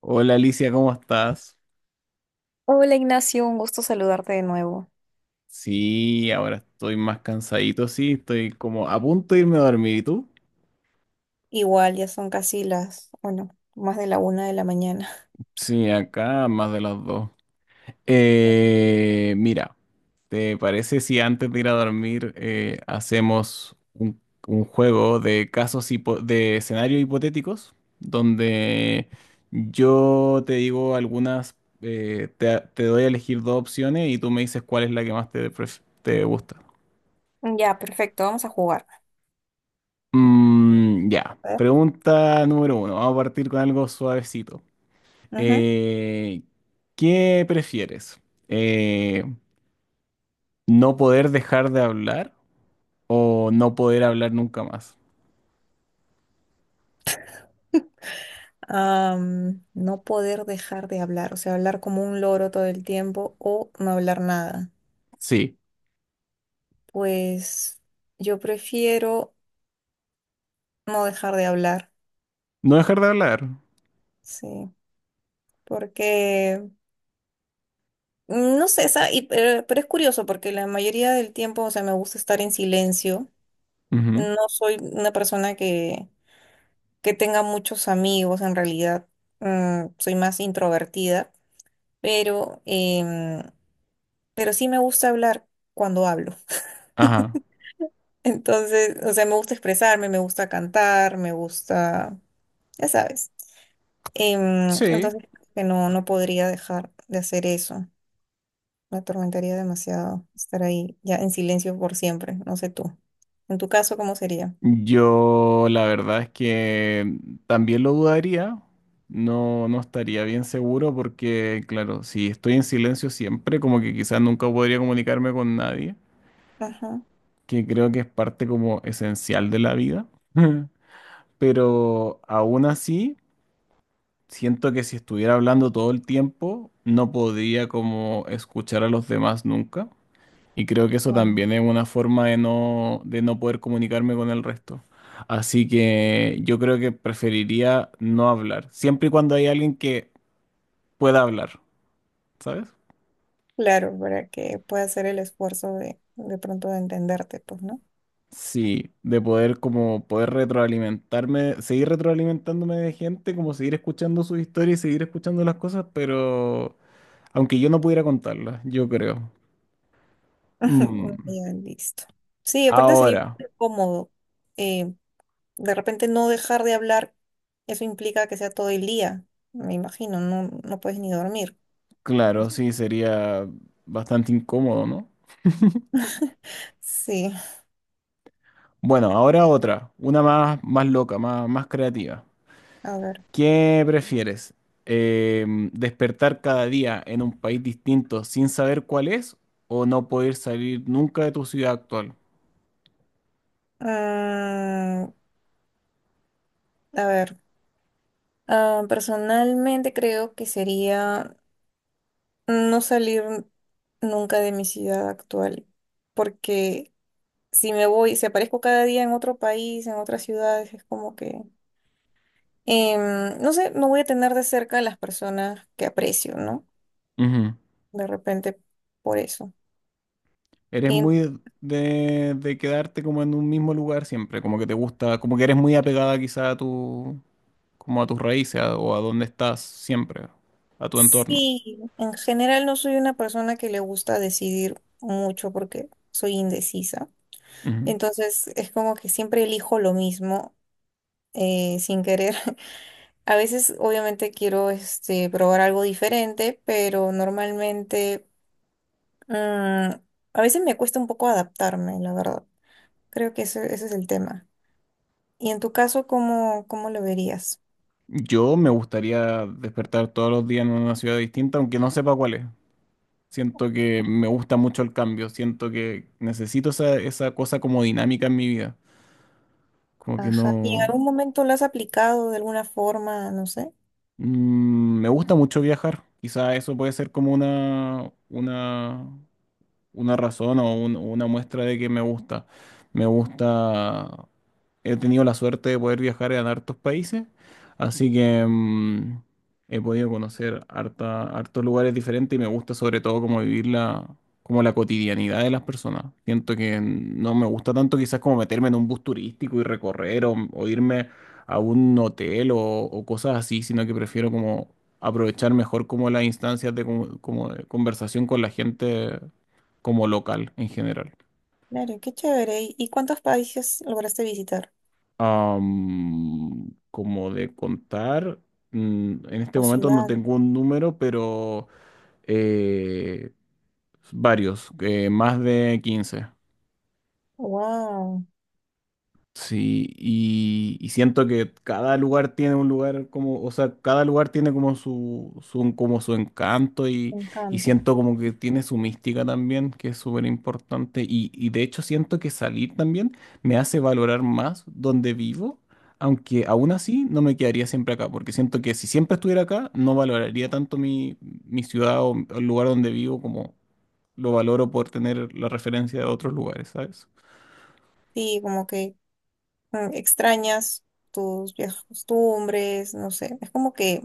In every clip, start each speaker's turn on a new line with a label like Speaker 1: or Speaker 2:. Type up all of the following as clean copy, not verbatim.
Speaker 1: Hola Alicia, ¿cómo estás?
Speaker 2: Hola Ignacio, un gusto saludarte de nuevo.
Speaker 1: Sí, ahora estoy más cansadito, sí, estoy como a punto de irme a dormir. ¿Y tú?
Speaker 2: Igual, ya son casi las, bueno, más de la una de la mañana.
Speaker 1: Sí, acá más de las dos. Mira, ¿te parece si antes de ir a dormir hacemos un juego de casos de escenarios hipotéticos donde yo te digo algunas, te doy a elegir dos opciones y tú me dices cuál es la que más te gusta?
Speaker 2: Mm. Ya, perfecto, vamos a jugar.
Speaker 1: Ya,
Speaker 2: A ver.
Speaker 1: pregunta número uno. Vamos a partir con algo suavecito.
Speaker 2: Ujú.
Speaker 1: Eh, ¿Qué prefieres? Eh, ¿No poder dejar de hablar o no poder hablar nunca más?
Speaker 2: No poder dejar de hablar, o sea, hablar como un loro todo el tiempo o no hablar nada.
Speaker 1: Sí,
Speaker 2: Pues yo prefiero no dejar de hablar,
Speaker 1: no dejar de hablar.
Speaker 2: sí, porque, no sé, pero es curioso porque la mayoría del tiempo, o sea, me gusta estar en silencio.
Speaker 1: Ujú.
Speaker 2: No soy una persona que tenga muchos amigos, en realidad soy más introvertida, pero, pero sí me gusta hablar cuando hablo.
Speaker 1: Ajá.
Speaker 2: Entonces, o sea, me gusta expresarme, me gusta cantar, me gusta, ya sabes.
Speaker 1: Sí,
Speaker 2: Entonces, que no, no podría dejar de hacer eso. Me atormentaría demasiado estar ahí ya en silencio por siempre, no sé tú. En tu caso, ¿cómo sería?
Speaker 1: yo la verdad es que también lo dudaría. No, no estaría bien seguro porque, claro, si estoy en silencio siempre, como que quizás nunca podría comunicarme con nadie.
Speaker 2: Ajá.
Speaker 1: Que creo que es parte como esencial de la vida, pero aún así siento que si estuviera hablando todo el tiempo no podría como escuchar a los demás nunca y creo que eso
Speaker 2: Claro,
Speaker 1: también es una forma de no poder comunicarme con el resto. Así que yo creo que preferiría no hablar, siempre y cuando hay alguien que pueda hablar, ¿sabes?
Speaker 2: claro, para que pueda hacer el esfuerzo de pronto de entenderte, pues, ¿no?
Speaker 1: Sí, de poder como poder retroalimentarme, seguir retroalimentándome de gente, como seguir escuchando sus historias y seguir escuchando las cosas, pero aunque yo no pudiera contarlas, yo creo.
Speaker 2: Ajá, bueno,
Speaker 1: Mm,
Speaker 2: ya, listo. Sí, aparte sería
Speaker 1: Ahora,
Speaker 2: cómodo. Eh, de repente no dejar de hablar, eso implica que sea todo el día, me imagino, no, no puedes ni dormir.
Speaker 1: claro, sí, sería bastante incómodo, ¿no?
Speaker 2: Sí,
Speaker 1: Bueno, ahora otra, una más, más loca, más creativa.
Speaker 2: a ver.
Speaker 1: ¿Qué prefieres? ¿Despertar cada día en un país distinto sin saber cuál es o no poder salir nunca de tu ciudad actual?
Speaker 2: Mm, a ver. Ah, personalmente creo que sería no salir nunca de mi ciudad actual, porque si me voy, si aparezco cada día en otro país, en otras ciudades, es como que no sé, no voy a tener de cerca a las personas que aprecio, ¿no?
Speaker 1: Ujú.
Speaker 2: De repente por eso.
Speaker 1: Eres
Speaker 2: En-
Speaker 1: muy de quedarte como en un mismo lugar siempre, como que te gusta, como que eres muy apegada quizá a tu, como a tus raíces o a donde estás siempre, a tu entorno.
Speaker 2: sí, en general no soy una persona que le gusta decidir mucho porque soy indecisa.
Speaker 1: Ujú.
Speaker 2: Entonces es como que siempre elijo lo mismo sin querer. A veces obviamente quiero este, probar algo diferente, pero normalmente mm, a veces me cuesta un poco adaptarme, la verdad. Creo que ese es el tema. Y en tu caso, ¿cómo, cómo lo verías?
Speaker 1: Yo me gustaría despertar todos los días en una ciudad distinta, aunque no sepa cuál es. Siento que me gusta mucho el cambio, siento que necesito esa, esa cosa como dinámica en mi vida. Como que
Speaker 2: Ajá. ¿Y en
Speaker 1: no.
Speaker 2: algún momento lo has aplicado de alguna forma? No sé.
Speaker 1: Me gusta mucho viajar, quizá eso puede ser como una razón o una muestra de que me gusta. Me gusta, he tenido la suerte de poder viajar en hartos países, así que he podido conocer hartos lugares diferentes y me gusta sobre todo como vivir la, como la cotidianidad de las personas. Siento que no me gusta tanto quizás como meterme en un bus turístico y recorrer o irme a un hotel o cosas así, sino que prefiero como aprovechar mejor como las instancias de, como como de conversación con la gente como local en general.
Speaker 2: Claro, qué chévere. ¿Y cuántos países lograste visitar?
Speaker 1: Como de contar, en este
Speaker 2: ¿O
Speaker 1: momento no
Speaker 2: ciudad?
Speaker 1: tengo un número, pero eh, varios, más de 15.
Speaker 2: Wow,
Speaker 1: Sí, y siento que cada lugar tiene un lugar como, o sea, cada lugar tiene como su, como su encanto
Speaker 2: me
Speaker 1: y
Speaker 2: encanta.
Speaker 1: siento como que tiene su mística también, que es súper importante. Y de hecho siento que salir también me hace valorar más donde vivo, aunque aún así no me quedaría siempre acá, porque siento que si siempre estuviera acá, no valoraría tanto mi ciudad o el lugar donde vivo como lo valoro por tener la referencia de otros lugares, ¿sabes?
Speaker 2: Sí, como que extrañas tus viejas costumbres, no sé. Es como que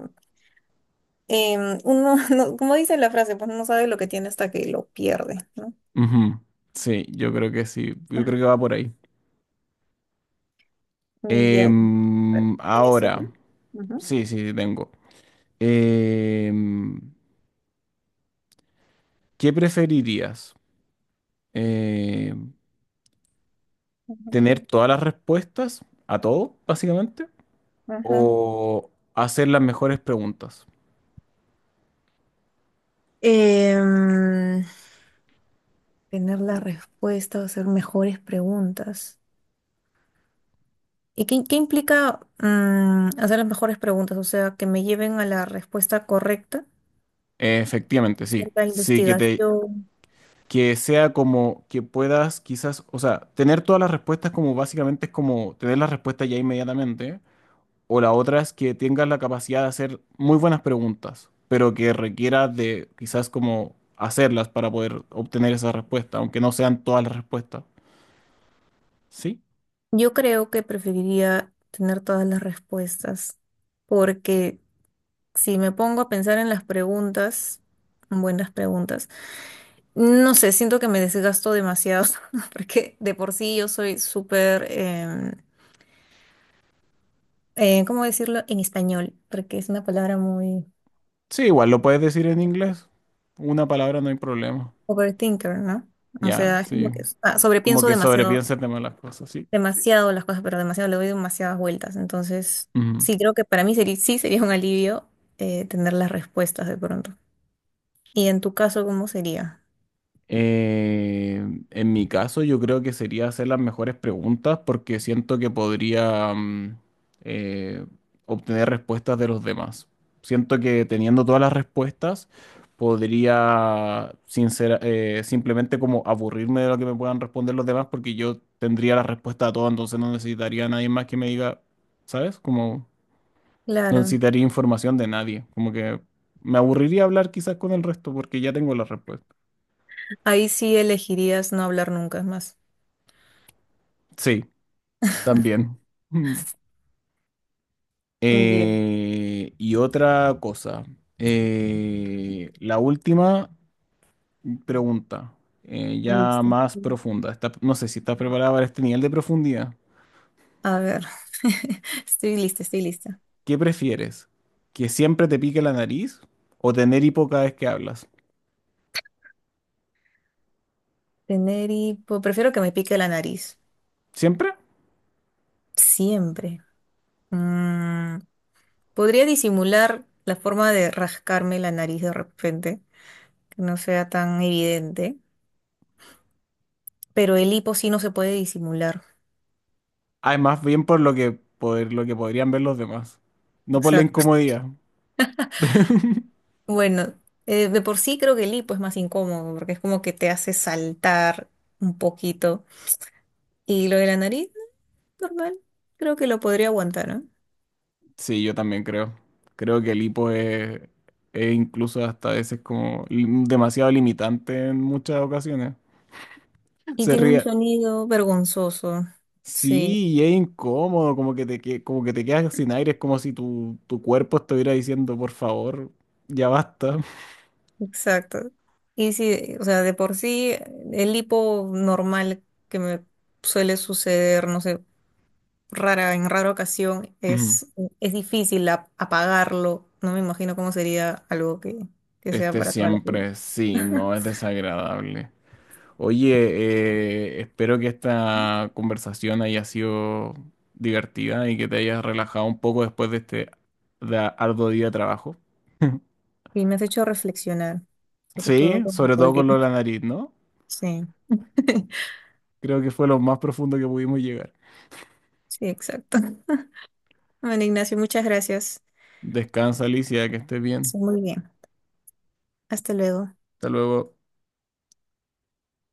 Speaker 2: uno, como dice la frase, pues no sabe lo que tiene hasta que lo pierde, ¿no?
Speaker 1: Ujú. Sí, yo creo que sí, yo creo que va por ahí.
Speaker 2: Mm. Ya. Bueno, ¿tienes otro?
Speaker 1: Ahora,
Speaker 2: Ujú,
Speaker 1: sí, sí, sí, tengo. Em, ¿Qué preferirías? Em,
Speaker 2: ujú,
Speaker 1: ¿Tener todas las respuestas a todo, básicamente?
Speaker 2: ujú.
Speaker 1: ¿O hacer las mejores preguntas?
Speaker 2: Em, Tener la respuesta o hacer mejores preguntas. ¿Y qué, qué implica hacer las mejores preguntas? O sea, que me lleven a la respuesta correcta
Speaker 1: Efectivamente, sí.
Speaker 2: acerca de
Speaker 1: Sí,
Speaker 2: investigación.
Speaker 1: que sea como que puedas quizás, o sea, tener todas las respuestas como básicamente es como tener las respuestas ya inmediatamente. O la otra es que tengas la capacidad de hacer muy buenas preguntas, pero que requiera de quizás como hacerlas para poder obtener esa respuesta, aunque no sean todas las respuestas. ¿Sí?
Speaker 2: Yo creo que preferiría tener todas las respuestas, porque si me pongo a pensar en las preguntas, buenas preguntas, no sé, siento que me desgasto demasiado, porque de por sí yo soy súper, ¿cómo decirlo en español? Porque es una palabra muy
Speaker 1: Sí, igual lo puedes decir en inglés. Una palabra no hay problema.
Speaker 2: overthinker, ¿no? O
Speaker 1: Ya,
Speaker 2: sea, es como
Speaker 1: sí.
Speaker 2: que ah,
Speaker 1: Como
Speaker 2: sobrepienso
Speaker 1: que
Speaker 2: demasiado,
Speaker 1: sobrepienses de las cosas, ¿sí?
Speaker 2: demasiado las cosas, pero demasiado le doy demasiadas vueltas. Entonces,
Speaker 1: Ujú.
Speaker 2: sí, creo que para mí sería, sí sería un alivio tener las respuestas de pronto. ¿Y en tu caso, cómo sería?
Speaker 1: Eh, en mi caso, yo creo que sería hacer las mejores preguntas porque siento que podría eh, obtener respuestas de los demás. Siento que teniendo todas las respuestas, podría simplemente como aburrirme de lo que me puedan responder los demás porque yo tendría la respuesta a todo, entonces no necesitaría a nadie más que me diga, ¿sabes? Como no
Speaker 2: Claro.
Speaker 1: necesitaría información de nadie. Como que me aburriría hablar quizás con el resto porque ya tengo la respuesta.
Speaker 2: Ahí sí elegirías no hablar nunca más.
Speaker 1: Sí. También. Mm.
Speaker 2: Yeah,
Speaker 1: Y otra cosa. La última pregunta, ya
Speaker 2: listo.
Speaker 1: más profunda. No sé si estás preparada para este nivel de profundidad.
Speaker 2: A ver, estoy lista, estoy lista.
Speaker 1: ¿Qué prefieres? ¿Que siempre te pique la nariz o tener hipo cada vez que hablas?
Speaker 2: Tener hipo, prefiero que me pique la nariz.
Speaker 1: ¿Siempre?
Speaker 2: Siempre. Mm, podría disimular la forma de rascarme la nariz de repente, que no sea tan evidente, pero el hipo sí no se puede disimular.
Speaker 1: Ah, es más bien por lo que podrían ver los demás, no por la
Speaker 2: Exacto.
Speaker 1: incomodidad.
Speaker 2: Bueno, de por sí creo que el hipo es más incómodo, porque es como que te hace saltar un poquito. Y lo de la nariz, normal, creo que lo podría aguantar, ¿no?
Speaker 1: Sí, yo también creo. Creo que el hipo es incluso hasta a veces como demasiado limitante en muchas ocasiones.
Speaker 2: Y
Speaker 1: Se
Speaker 2: tiene un
Speaker 1: ríe.
Speaker 2: sonido vergonzoso. Sí,
Speaker 1: Sí, y es incómodo, como que como que te quedas sin aire, es como si tu cuerpo estuviera diciendo, por favor, ya basta.
Speaker 2: exacto. Y sí, o sea, de por sí, el hipo normal que me suele suceder, no sé rara, en rara ocasión,
Speaker 1: Ujú.
Speaker 2: es difícil apagarlo. No me imagino cómo sería algo que sea
Speaker 1: Este
Speaker 2: para toda la vida.
Speaker 1: siempre, sí, no es desagradable. Oye, espero que esta conversación haya sido divertida y que te hayas relajado un poco después de este arduo día de trabajo.
Speaker 2: Y me has hecho reflexionar, sobre todo
Speaker 1: Sí,
Speaker 2: con
Speaker 1: sobre
Speaker 2: la
Speaker 1: todo con lo
Speaker 2: última.
Speaker 1: de la nariz, ¿no?
Speaker 2: Sí,
Speaker 1: Creo que fue lo más profundo que pudimos llegar.
Speaker 2: sí, exacto. Bueno, Ignacio, muchas gracias.
Speaker 1: Descansa, Alicia, que estés bien.
Speaker 2: Sí, muy bien. Hasta luego.
Speaker 1: Hasta luego.